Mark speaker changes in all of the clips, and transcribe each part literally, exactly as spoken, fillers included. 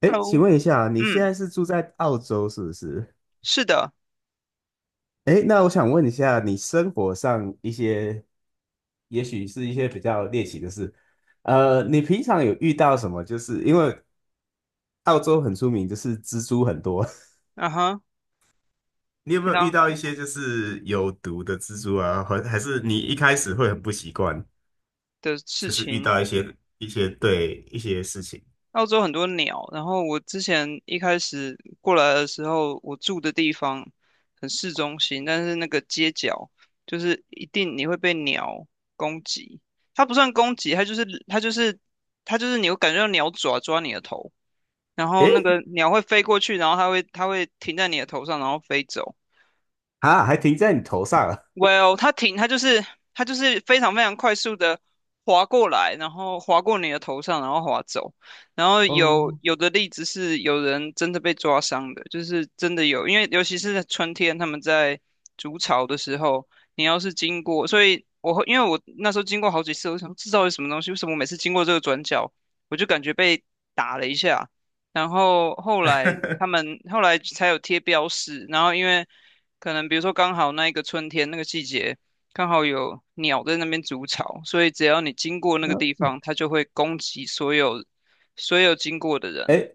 Speaker 1: 哎，请
Speaker 2: Hello。
Speaker 1: 问一下，你现
Speaker 2: 嗯。
Speaker 1: 在是住在澳洲是不是？
Speaker 2: 是的。
Speaker 1: 哎，那我想问一下，你生活上一些，也许是一些比较猎奇的事，呃，你平常有遇到什么？就是因为澳洲很出名，就是蜘蛛很多。
Speaker 2: 嗯哼。
Speaker 1: 你有没
Speaker 2: 平
Speaker 1: 有遇
Speaker 2: 常，
Speaker 1: 到一
Speaker 2: 嗯
Speaker 1: 些
Speaker 2: 哼，
Speaker 1: 就是有毒的蜘蛛啊？还还是你一开始会很不习惯，
Speaker 2: 的事
Speaker 1: 就是遇
Speaker 2: 情。
Speaker 1: 到一些一些对一些事情。
Speaker 2: 澳洲很多鸟。然后我之前一开始过来的时候，我住的地方很市中心，但是那个街角就是一定你会被鸟攻击。它不算攻击，它就是它就是它就是你会感觉到鸟爪抓你的头，然后
Speaker 1: 哎，
Speaker 2: 那个鸟会飞过去，然后它会它会停在你的头上，然后飞走。
Speaker 1: 啊，还停在你头上啊。
Speaker 2: Well，它停，它就是它就是非常非常快速的划过来，然后划过你的头上，然后划走。然后有
Speaker 1: 哦。
Speaker 2: 有的例子是有人真的被抓伤的，就是真的有，因为尤其是在春天，他们在筑巢的时候，你要是经过，所以我会因为我那时候经过好几次，我想说这到底什么东西？为什么我每次经过这个转角，我就感觉被打了一下？然后后来他们后来才有贴标识，然后因为，可能比如说刚好那一个春天那个季节，刚好有鸟在那边筑巢，所以只要你经过那个
Speaker 1: 啊。
Speaker 2: 地方，它就会攻击所有所有经过的人。
Speaker 1: 哎，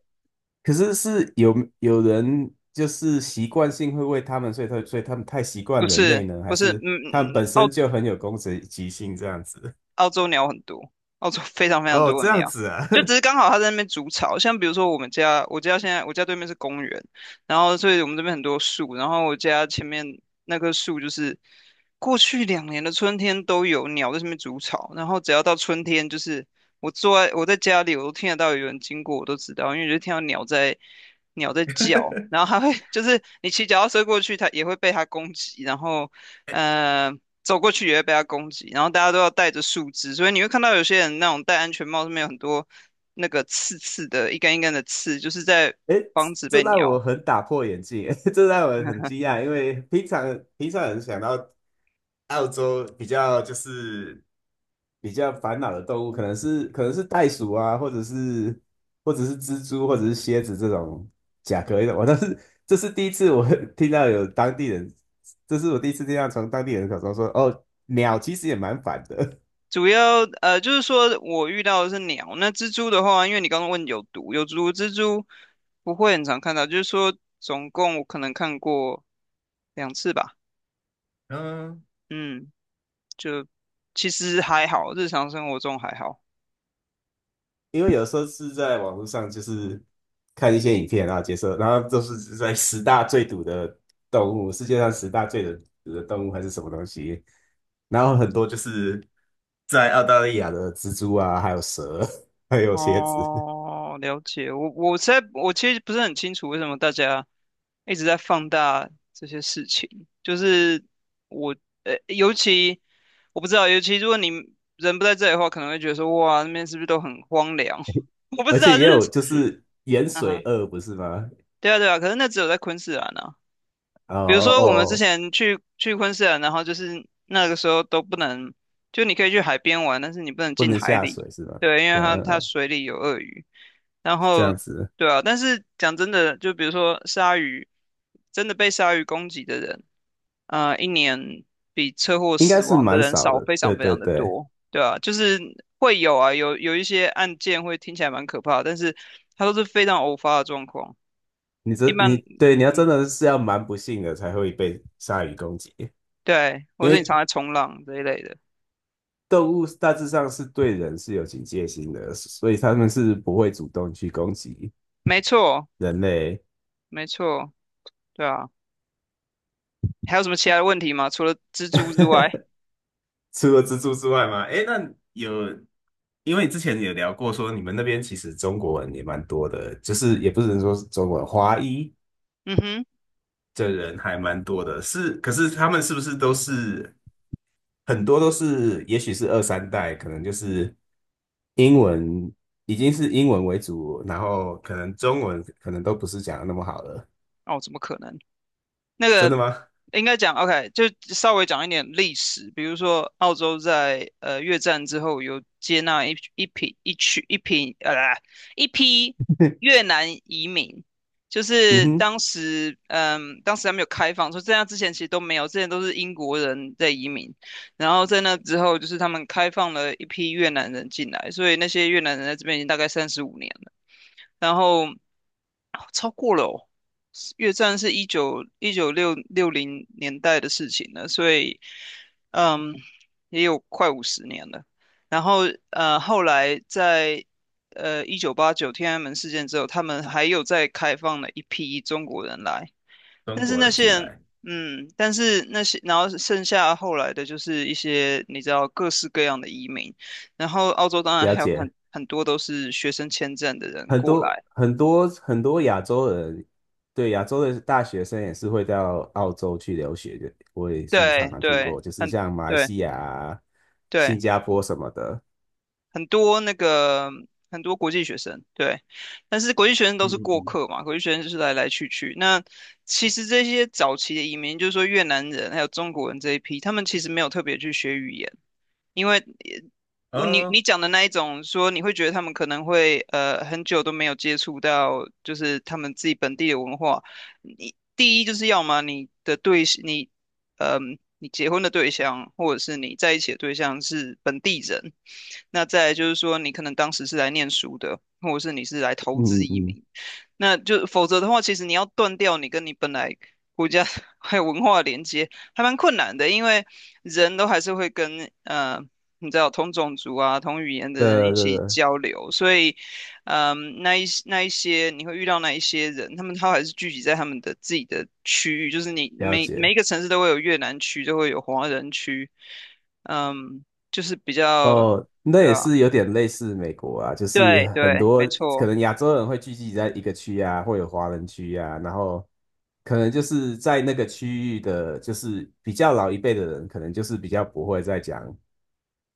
Speaker 1: 可是是有有人就是习惯性会喂他们，所以他所以他们太习惯
Speaker 2: 不
Speaker 1: 人类
Speaker 2: 是
Speaker 1: 呢，还
Speaker 2: 不是，
Speaker 1: 是
Speaker 2: 嗯，
Speaker 1: 他们本
Speaker 2: 澳
Speaker 1: 身就很有攻击性这样子？
Speaker 2: 澳洲鸟很多，澳洲非常 非常
Speaker 1: 哦，
Speaker 2: 多
Speaker 1: 这
Speaker 2: 的
Speaker 1: 样
Speaker 2: 鸟，
Speaker 1: 子啊。
Speaker 2: 就只 是刚好它在那边筑巢。像比如说我们家，我家现在我家对面是公园，然后所以我们这边很多树，然后我家前面那棵树就是过去两年的春天都有鸟在上面筑巢，然后只要到春天，就是我坐在我在家里，我都听得到有人经过，我都知道，因为我就听到鸟在，鸟在叫。然后它会 就是你骑脚踏车过去，它也会被它攻击，然后呃，走过去也会被它攻击，然后大家都要戴着树枝，所以你会看到有些人那种戴安全帽上面有很多那个刺刺的，一根一根的刺，就是在
Speaker 1: 诶，
Speaker 2: 防止
Speaker 1: 这
Speaker 2: 被
Speaker 1: 让我
Speaker 2: 鸟。
Speaker 1: 很打破眼镜，这让我很惊 讶。因为平常平常人想到澳洲比较就是比较烦恼的动物，可能是可能是袋鼠啊，或者是或者是蜘蛛，或者是蝎子，这种甲壳类的。我倒是这是第一次我 听到有当地人，这是我第一次听到从当地人口中说，哦，鸟其实也蛮烦的。
Speaker 2: 主要呃，就是说我遇到的是鸟，那蜘蛛的话，因为你刚刚问有毒，有毒蜘蛛不会很常看到，就是说总共我可能看过两次吧，
Speaker 1: 嗯。
Speaker 2: 嗯，就其实还好，日常生活中还好。
Speaker 1: 因为有时候是在网络上，就是看一些影片啊，解说，然后都是在十大最毒的动物，世界上十大最毒的动物还是什么东西，然后很多就是在澳大利亚的蜘蛛啊，还有蛇，还有蝎子。
Speaker 2: 哦，了解。我我实在我其实不是很清楚为什么大家一直在放大这些事情，就是我呃，尤其我不知道，尤其如果你人不在这里的话，可能会觉得说哇，那边是不是都很荒凉？我不知
Speaker 1: 而且
Speaker 2: 道，就
Speaker 1: 也有
Speaker 2: 是
Speaker 1: 就是盐
Speaker 2: 啊
Speaker 1: 水
Speaker 2: 哈，
Speaker 1: 鳄，不是吗？
Speaker 2: 对啊对啊，可是那只有在昆士兰啊。
Speaker 1: 哦
Speaker 2: 比如
Speaker 1: 哦
Speaker 2: 说我们之
Speaker 1: 哦。
Speaker 2: 前去去昆士兰，然后就是那个时候都不能，就你可以去海边玩，但是你不能
Speaker 1: 不
Speaker 2: 进
Speaker 1: 能
Speaker 2: 海
Speaker 1: 下
Speaker 2: 里，
Speaker 1: 水是吗？
Speaker 2: 对，因为
Speaker 1: 嗯
Speaker 2: 它
Speaker 1: 嗯
Speaker 2: 它
Speaker 1: 嗯。
Speaker 2: 水里有鳄鱼。然
Speaker 1: 这
Speaker 2: 后，
Speaker 1: 样子。
Speaker 2: 对啊，但是讲真的，就比如说鲨鱼，真的被鲨鱼攻击的人，呃，一年比车祸
Speaker 1: 应该
Speaker 2: 死
Speaker 1: 是
Speaker 2: 亡的
Speaker 1: 蛮
Speaker 2: 人
Speaker 1: 少
Speaker 2: 少
Speaker 1: 的，
Speaker 2: 非常
Speaker 1: 对
Speaker 2: 非
Speaker 1: 对
Speaker 2: 常的
Speaker 1: 对。
Speaker 2: 多，对啊，就是会有啊，有有一些案件会听起来蛮可怕的，但是它都是非常偶发的状况，
Speaker 1: 你
Speaker 2: 一
Speaker 1: 这
Speaker 2: 般，
Speaker 1: 你对你要真
Speaker 2: 嗯，
Speaker 1: 的是要蛮不幸的才会被鲨鱼攻击。
Speaker 2: 对，或
Speaker 1: 因
Speaker 2: 是你
Speaker 1: 为
Speaker 2: 常在冲浪这一类的，
Speaker 1: 动物大致上是对人是有警戒心的，所以他们是不会主动去攻击
Speaker 2: 没错，
Speaker 1: 人类。
Speaker 2: 没错，对啊，还有什么其他的问题吗？除了蜘蛛之外，
Speaker 1: 除了蜘蛛之外吗？诶，那，有。因为你之前有聊过说你们那边其实中国人也蛮多的，就是也不是说是中国人，华裔
Speaker 2: 嗯哼，
Speaker 1: 的人还蛮多的。是，可是他们是不是都是很多都是，也许是二三代，可能就是英文已经是英文为主，然后可能中文可能都不是讲的那么好了。
Speaker 2: 哦，怎么可能？那
Speaker 1: 真
Speaker 2: 个
Speaker 1: 的吗？
Speaker 2: 应该讲 OK,就稍微讲一点历史，比如说澳洲在呃越战之后有接纳一一批一区一批呃一批 越南移民，就
Speaker 1: 嗯
Speaker 2: 是
Speaker 1: 哼。
Speaker 2: 当时嗯当时还没有开放，说这样之前其实都没有，之前都是英国人在移民，然后在那之后就是他们开放了一批越南人进来，所以那些越南人在这边已经大概三十五年了，然后哦超过了哦。越战是一九一九六六零年代的事情了，所以嗯，也有快五十年了。然后呃，后来在呃一九八九天安门事件之后，他们还有再开放了一批中国人来，
Speaker 1: 中
Speaker 2: 但是
Speaker 1: 国
Speaker 2: 那
Speaker 1: 人
Speaker 2: 些
Speaker 1: 进
Speaker 2: 人。
Speaker 1: 来。
Speaker 2: 嗯，但是那些，然后剩下后来的就是一些你知道各式各样的移民，然后澳洲当然
Speaker 1: 了
Speaker 2: 还有
Speaker 1: 解。
Speaker 2: 很很多都是学生签证的人
Speaker 1: 很
Speaker 2: 过
Speaker 1: 多
Speaker 2: 来，
Speaker 1: 很多很多亚洲人，对，亚洲的大学生也是会到澳洲去留学的，我也是常
Speaker 2: 对
Speaker 1: 常听
Speaker 2: 对，
Speaker 1: 过，就是
Speaker 2: 很
Speaker 1: 像马来
Speaker 2: 对。
Speaker 1: 西亚啊、
Speaker 2: 对，
Speaker 1: 新加坡什么的。
Speaker 2: 很多那个很多国际学生，对，但是国际学生都是
Speaker 1: 嗯
Speaker 2: 过
Speaker 1: 嗯
Speaker 2: 客嘛，国际学生就是来来去去。那其实这些早期的移民，就是说越南人还有中国人这一批，他们其实没有特别去学语言，因为呃我你
Speaker 1: 嗯。啊。
Speaker 2: 你讲的那一种说，你会觉得他们可能会呃很久都没有接触到，就是他们自己本地的文化。你第一就是要么你的对，你嗯，你结婚的对象或者是你在一起的对象是本地人，那再来就是说你可能当时是来念书的，或者是你是来投
Speaker 1: 嗯
Speaker 2: 资
Speaker 1: 嗯
Speaker 2: 移
Speaker 1: 嗯。
Speaker 2: 民，那就否则的话，其实你要断掉你跟你本来国家 还有文化的连接，还蛮困难的，因为人都还是会跟呃，你知道同种族啊、同语言的
Speaker 1: 对
Speaker 2: 人一
Speaker 1: 对对，
Speaker 2: 起
Speaker 1: 对。
Speaker 2: 交流，所以嗯，那一那一些你会遇到那一些人，他们他还是聚集在他们的自己的区域，就是你
Speaker 1: 了
Speaker 2: 每每一
Speaker 1: 解。
Speaker 2: 个城市都会有越南区，都会有华人区，嗯，就是比较，
Speaker 1: 哦，那
Speaker 2: 对
Speaker 1: 也
Speaker 2: 啊，
Speaker 1: 是有点类似美国啊，就是
Speaker 2: 对
Speaker 1: 很
Speaker 2: 对，
Speaker 1: 多
Speaker 2: 没
Speaker 1: 可
Speaker 2: 错，
Speaker 1: 能亚洲人会聚集在一个区啊，会有华人区啊，然后可能就是在那个区域的，就是比较老一辈的人，可能就是比较不会再讲。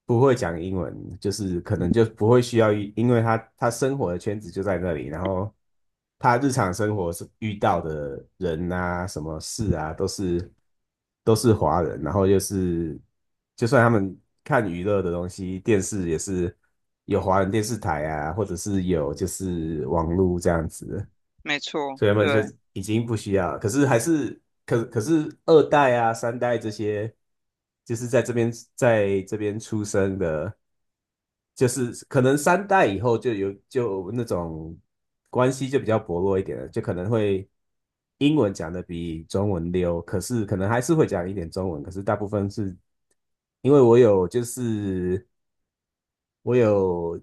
Speaker 1: 不会讲英文，就是可能就不会需要一因为他他生活的圈子就在那里，然后他日常生活是遇到的人啊，什么事啊，都是都是华人，然后就是就算他们看娱乐的东西，电视也是有华人电视台啊，或者是有就是网络这样子。
Speaker 2: 没错，
Speaker 1: 所以他们
Speaker 2: 对。
Speaker 1: 就已经不需要了。可是还是可可是二代啊、三代这些，就是在这边在这边出生的，就是可能三代以后就有就那种关系就比较薄弱一点了，就可能会英文讲的比中文溜，可是可能还是会讲一点中文，可是大部分是因为我有就是。我有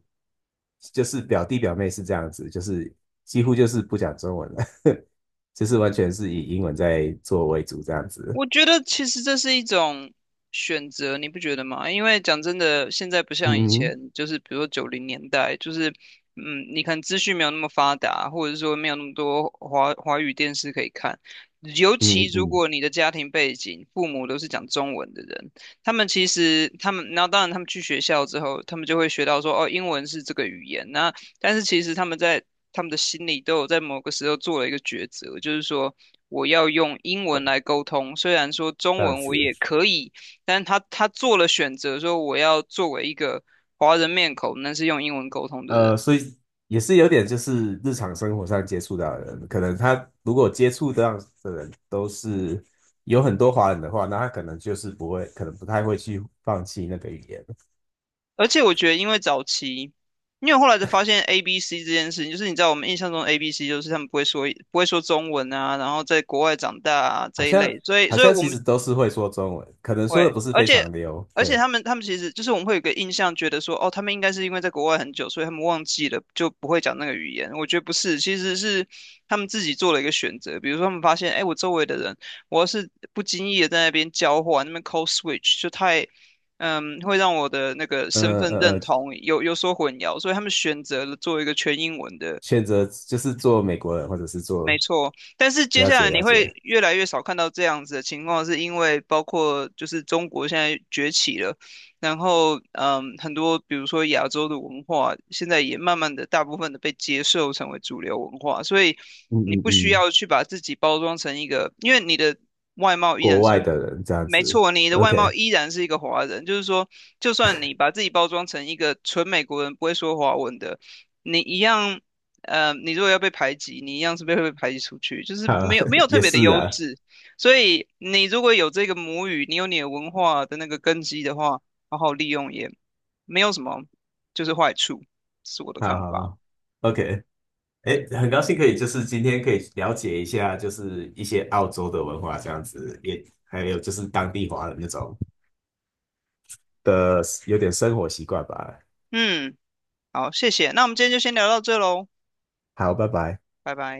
Speaker 1: 就是表弟表妹是这样子，就是几乎就是不讲中文了。就是完全是以英文在做为主这样子。
Speaker 2: 我觉得其实这是一种选择，你不觉得吗？因为讲真的，现在不像以
Speaker 1: 嗯
Speaker 2: 前，
Speaker 1: 嗯
Speaker 2: 就是比如说九零年代，就是嗯，你看资讯没有那么发达，或者是说没有那么多华华语电视可以看。尤
Speaker 1: 嗯
Speaker 2: 其
Speaker 1: 嗯
Speaker 2: 如
Speaker 1: 嗯。
Speaker 2: 果你的家庭背景，父母都是讲中文的人，他们其实他们，然后当然他们去学校之后，他们就会学到说，哦，英文是这个语言，那但是其实他们在他们的心里都有在某个时候做了一个抉择，就是说我要用英文来沟通，虽然说中
Speaker 1: 这样
Speaker 2: 文我也
Speaker 1: 子。
Speaker 2: 可以，但是他他做了选择，说我要作为一个华人面孔，那是用英文沟通的人。
Speaker 1: 呃，所以也是有点就是日常生活上接触到的人，可能他如果接触这到的人都是有很多华人的话，那他可能就是不会，可能不太会去放弃那个语言。
Speaker 2: 而且我觉得，因为早期，因为我后来才发现 A B C 这件事情，就是你知道我们印象中 A B C 就是他们不会说不会说中文啊，然后在国外长大啊
Speaker 1: 好
Speaker 2: 这一
Speaker 1: 像
Speaker 2: 类，所以
Speaker 1: 好
Speaker 2: 所以
Speaker 1: 像
Speaker 2: 我
Speaker 1: 其
Speaker 2: 们
Speaker 1: 实都是会说中文，可能说的
Speaker 2: 会，
Speaker 1: 不是
Speaker 2: 而
Speaker 1: 非
Speaker 2: 且
Speaker 1: 常溜。
Speaker 2: 而且
Speaker 1: 对。
Speaker 2: 他们他们其实就是我们会有一个印象，觉得说哦，他们应该是因为在国外很久，所以他们忘记了就不会讲那个语言。我觉得不是，其实是他们自己做了一个选择。比如说他们发现，哎，我周围的人，我要是不经意的在那边交换，那边 code switch 就太，嗯，会让我的那个
Speaker 1: 呃
Speaker 2: 身份
Speaker 1: 呃
Speaker 2: 认
Speaker 1: 呃，
Speaker 2: 同有有所混淆，所以他们选择了做一个全英文的，
Speaker 1: 选择就是做美国人，或者是
Speaker 2: 没
Speaker 1: 做
Speaker 2: 错，但是接
Speaker 1: 了
Speaker 2: 下
Speaker 1: 解
Speaker 2: 来你
Speaker 1: 了
Speaker 2: 会
Speaker 1: 解。
Speaker 2: 越来越少看到这样子的情况，是因为包括就是中国现在崛起了，然后嗯，很多比如说亚洲的文化，现在也慢慢的大部分的被接受成为主流文化，所以
Speaker 1: 嗯
Speaker 2: 你
Speaker 1: 嗯
Speaker 2: 不需
Speaker 1: 嗯，
Speaker 2: 要去把自己包装成一个，因为你的外貌依
Speaker 1: 国
Speaker 2: 然
Speaker 1: 外
Speaker 2: 是，
Speaker 1: 的人这样
Speaker 2: 没
Speaker 1: 子。
Speaker 2: 错，你的外貌
Speaker 1: OK。
Speaker 2: 依然是一个华人，就是说，就算你把自己包装成一个纯美国人，不会说华文的，你一样呃，你如果要被排挤，你一样是被会被排挤出去，就是
Speaker 1: 好，
Speaker 2: 没有没有 特
Speaker 1: 也
Speaker 2: 别的
Speaker 1: 是
Speaker 2: 优
Speaker 1: 啊。
Speaker 2: 势。所以你如果有这个母语，你有你的文化的那个根基的话，好好利用也没有什么就是坏处，是我的
Speaker 1: 好
Speaker 2: 看
Speaker 1: 好
Speaker 2: 法。
Speaker 1: 好，OK。哎，很高兴可以就是今天可以了解一下，就是一些澳洲的文化这样子，也还有就是当地华人那种的有点生活习惯吧。
Speaker 2: 嗯，好，谢谢。那我们今天就先聊到这喽，
Speaker 1: 好，拜拜。
Speaker 2: 拜拜。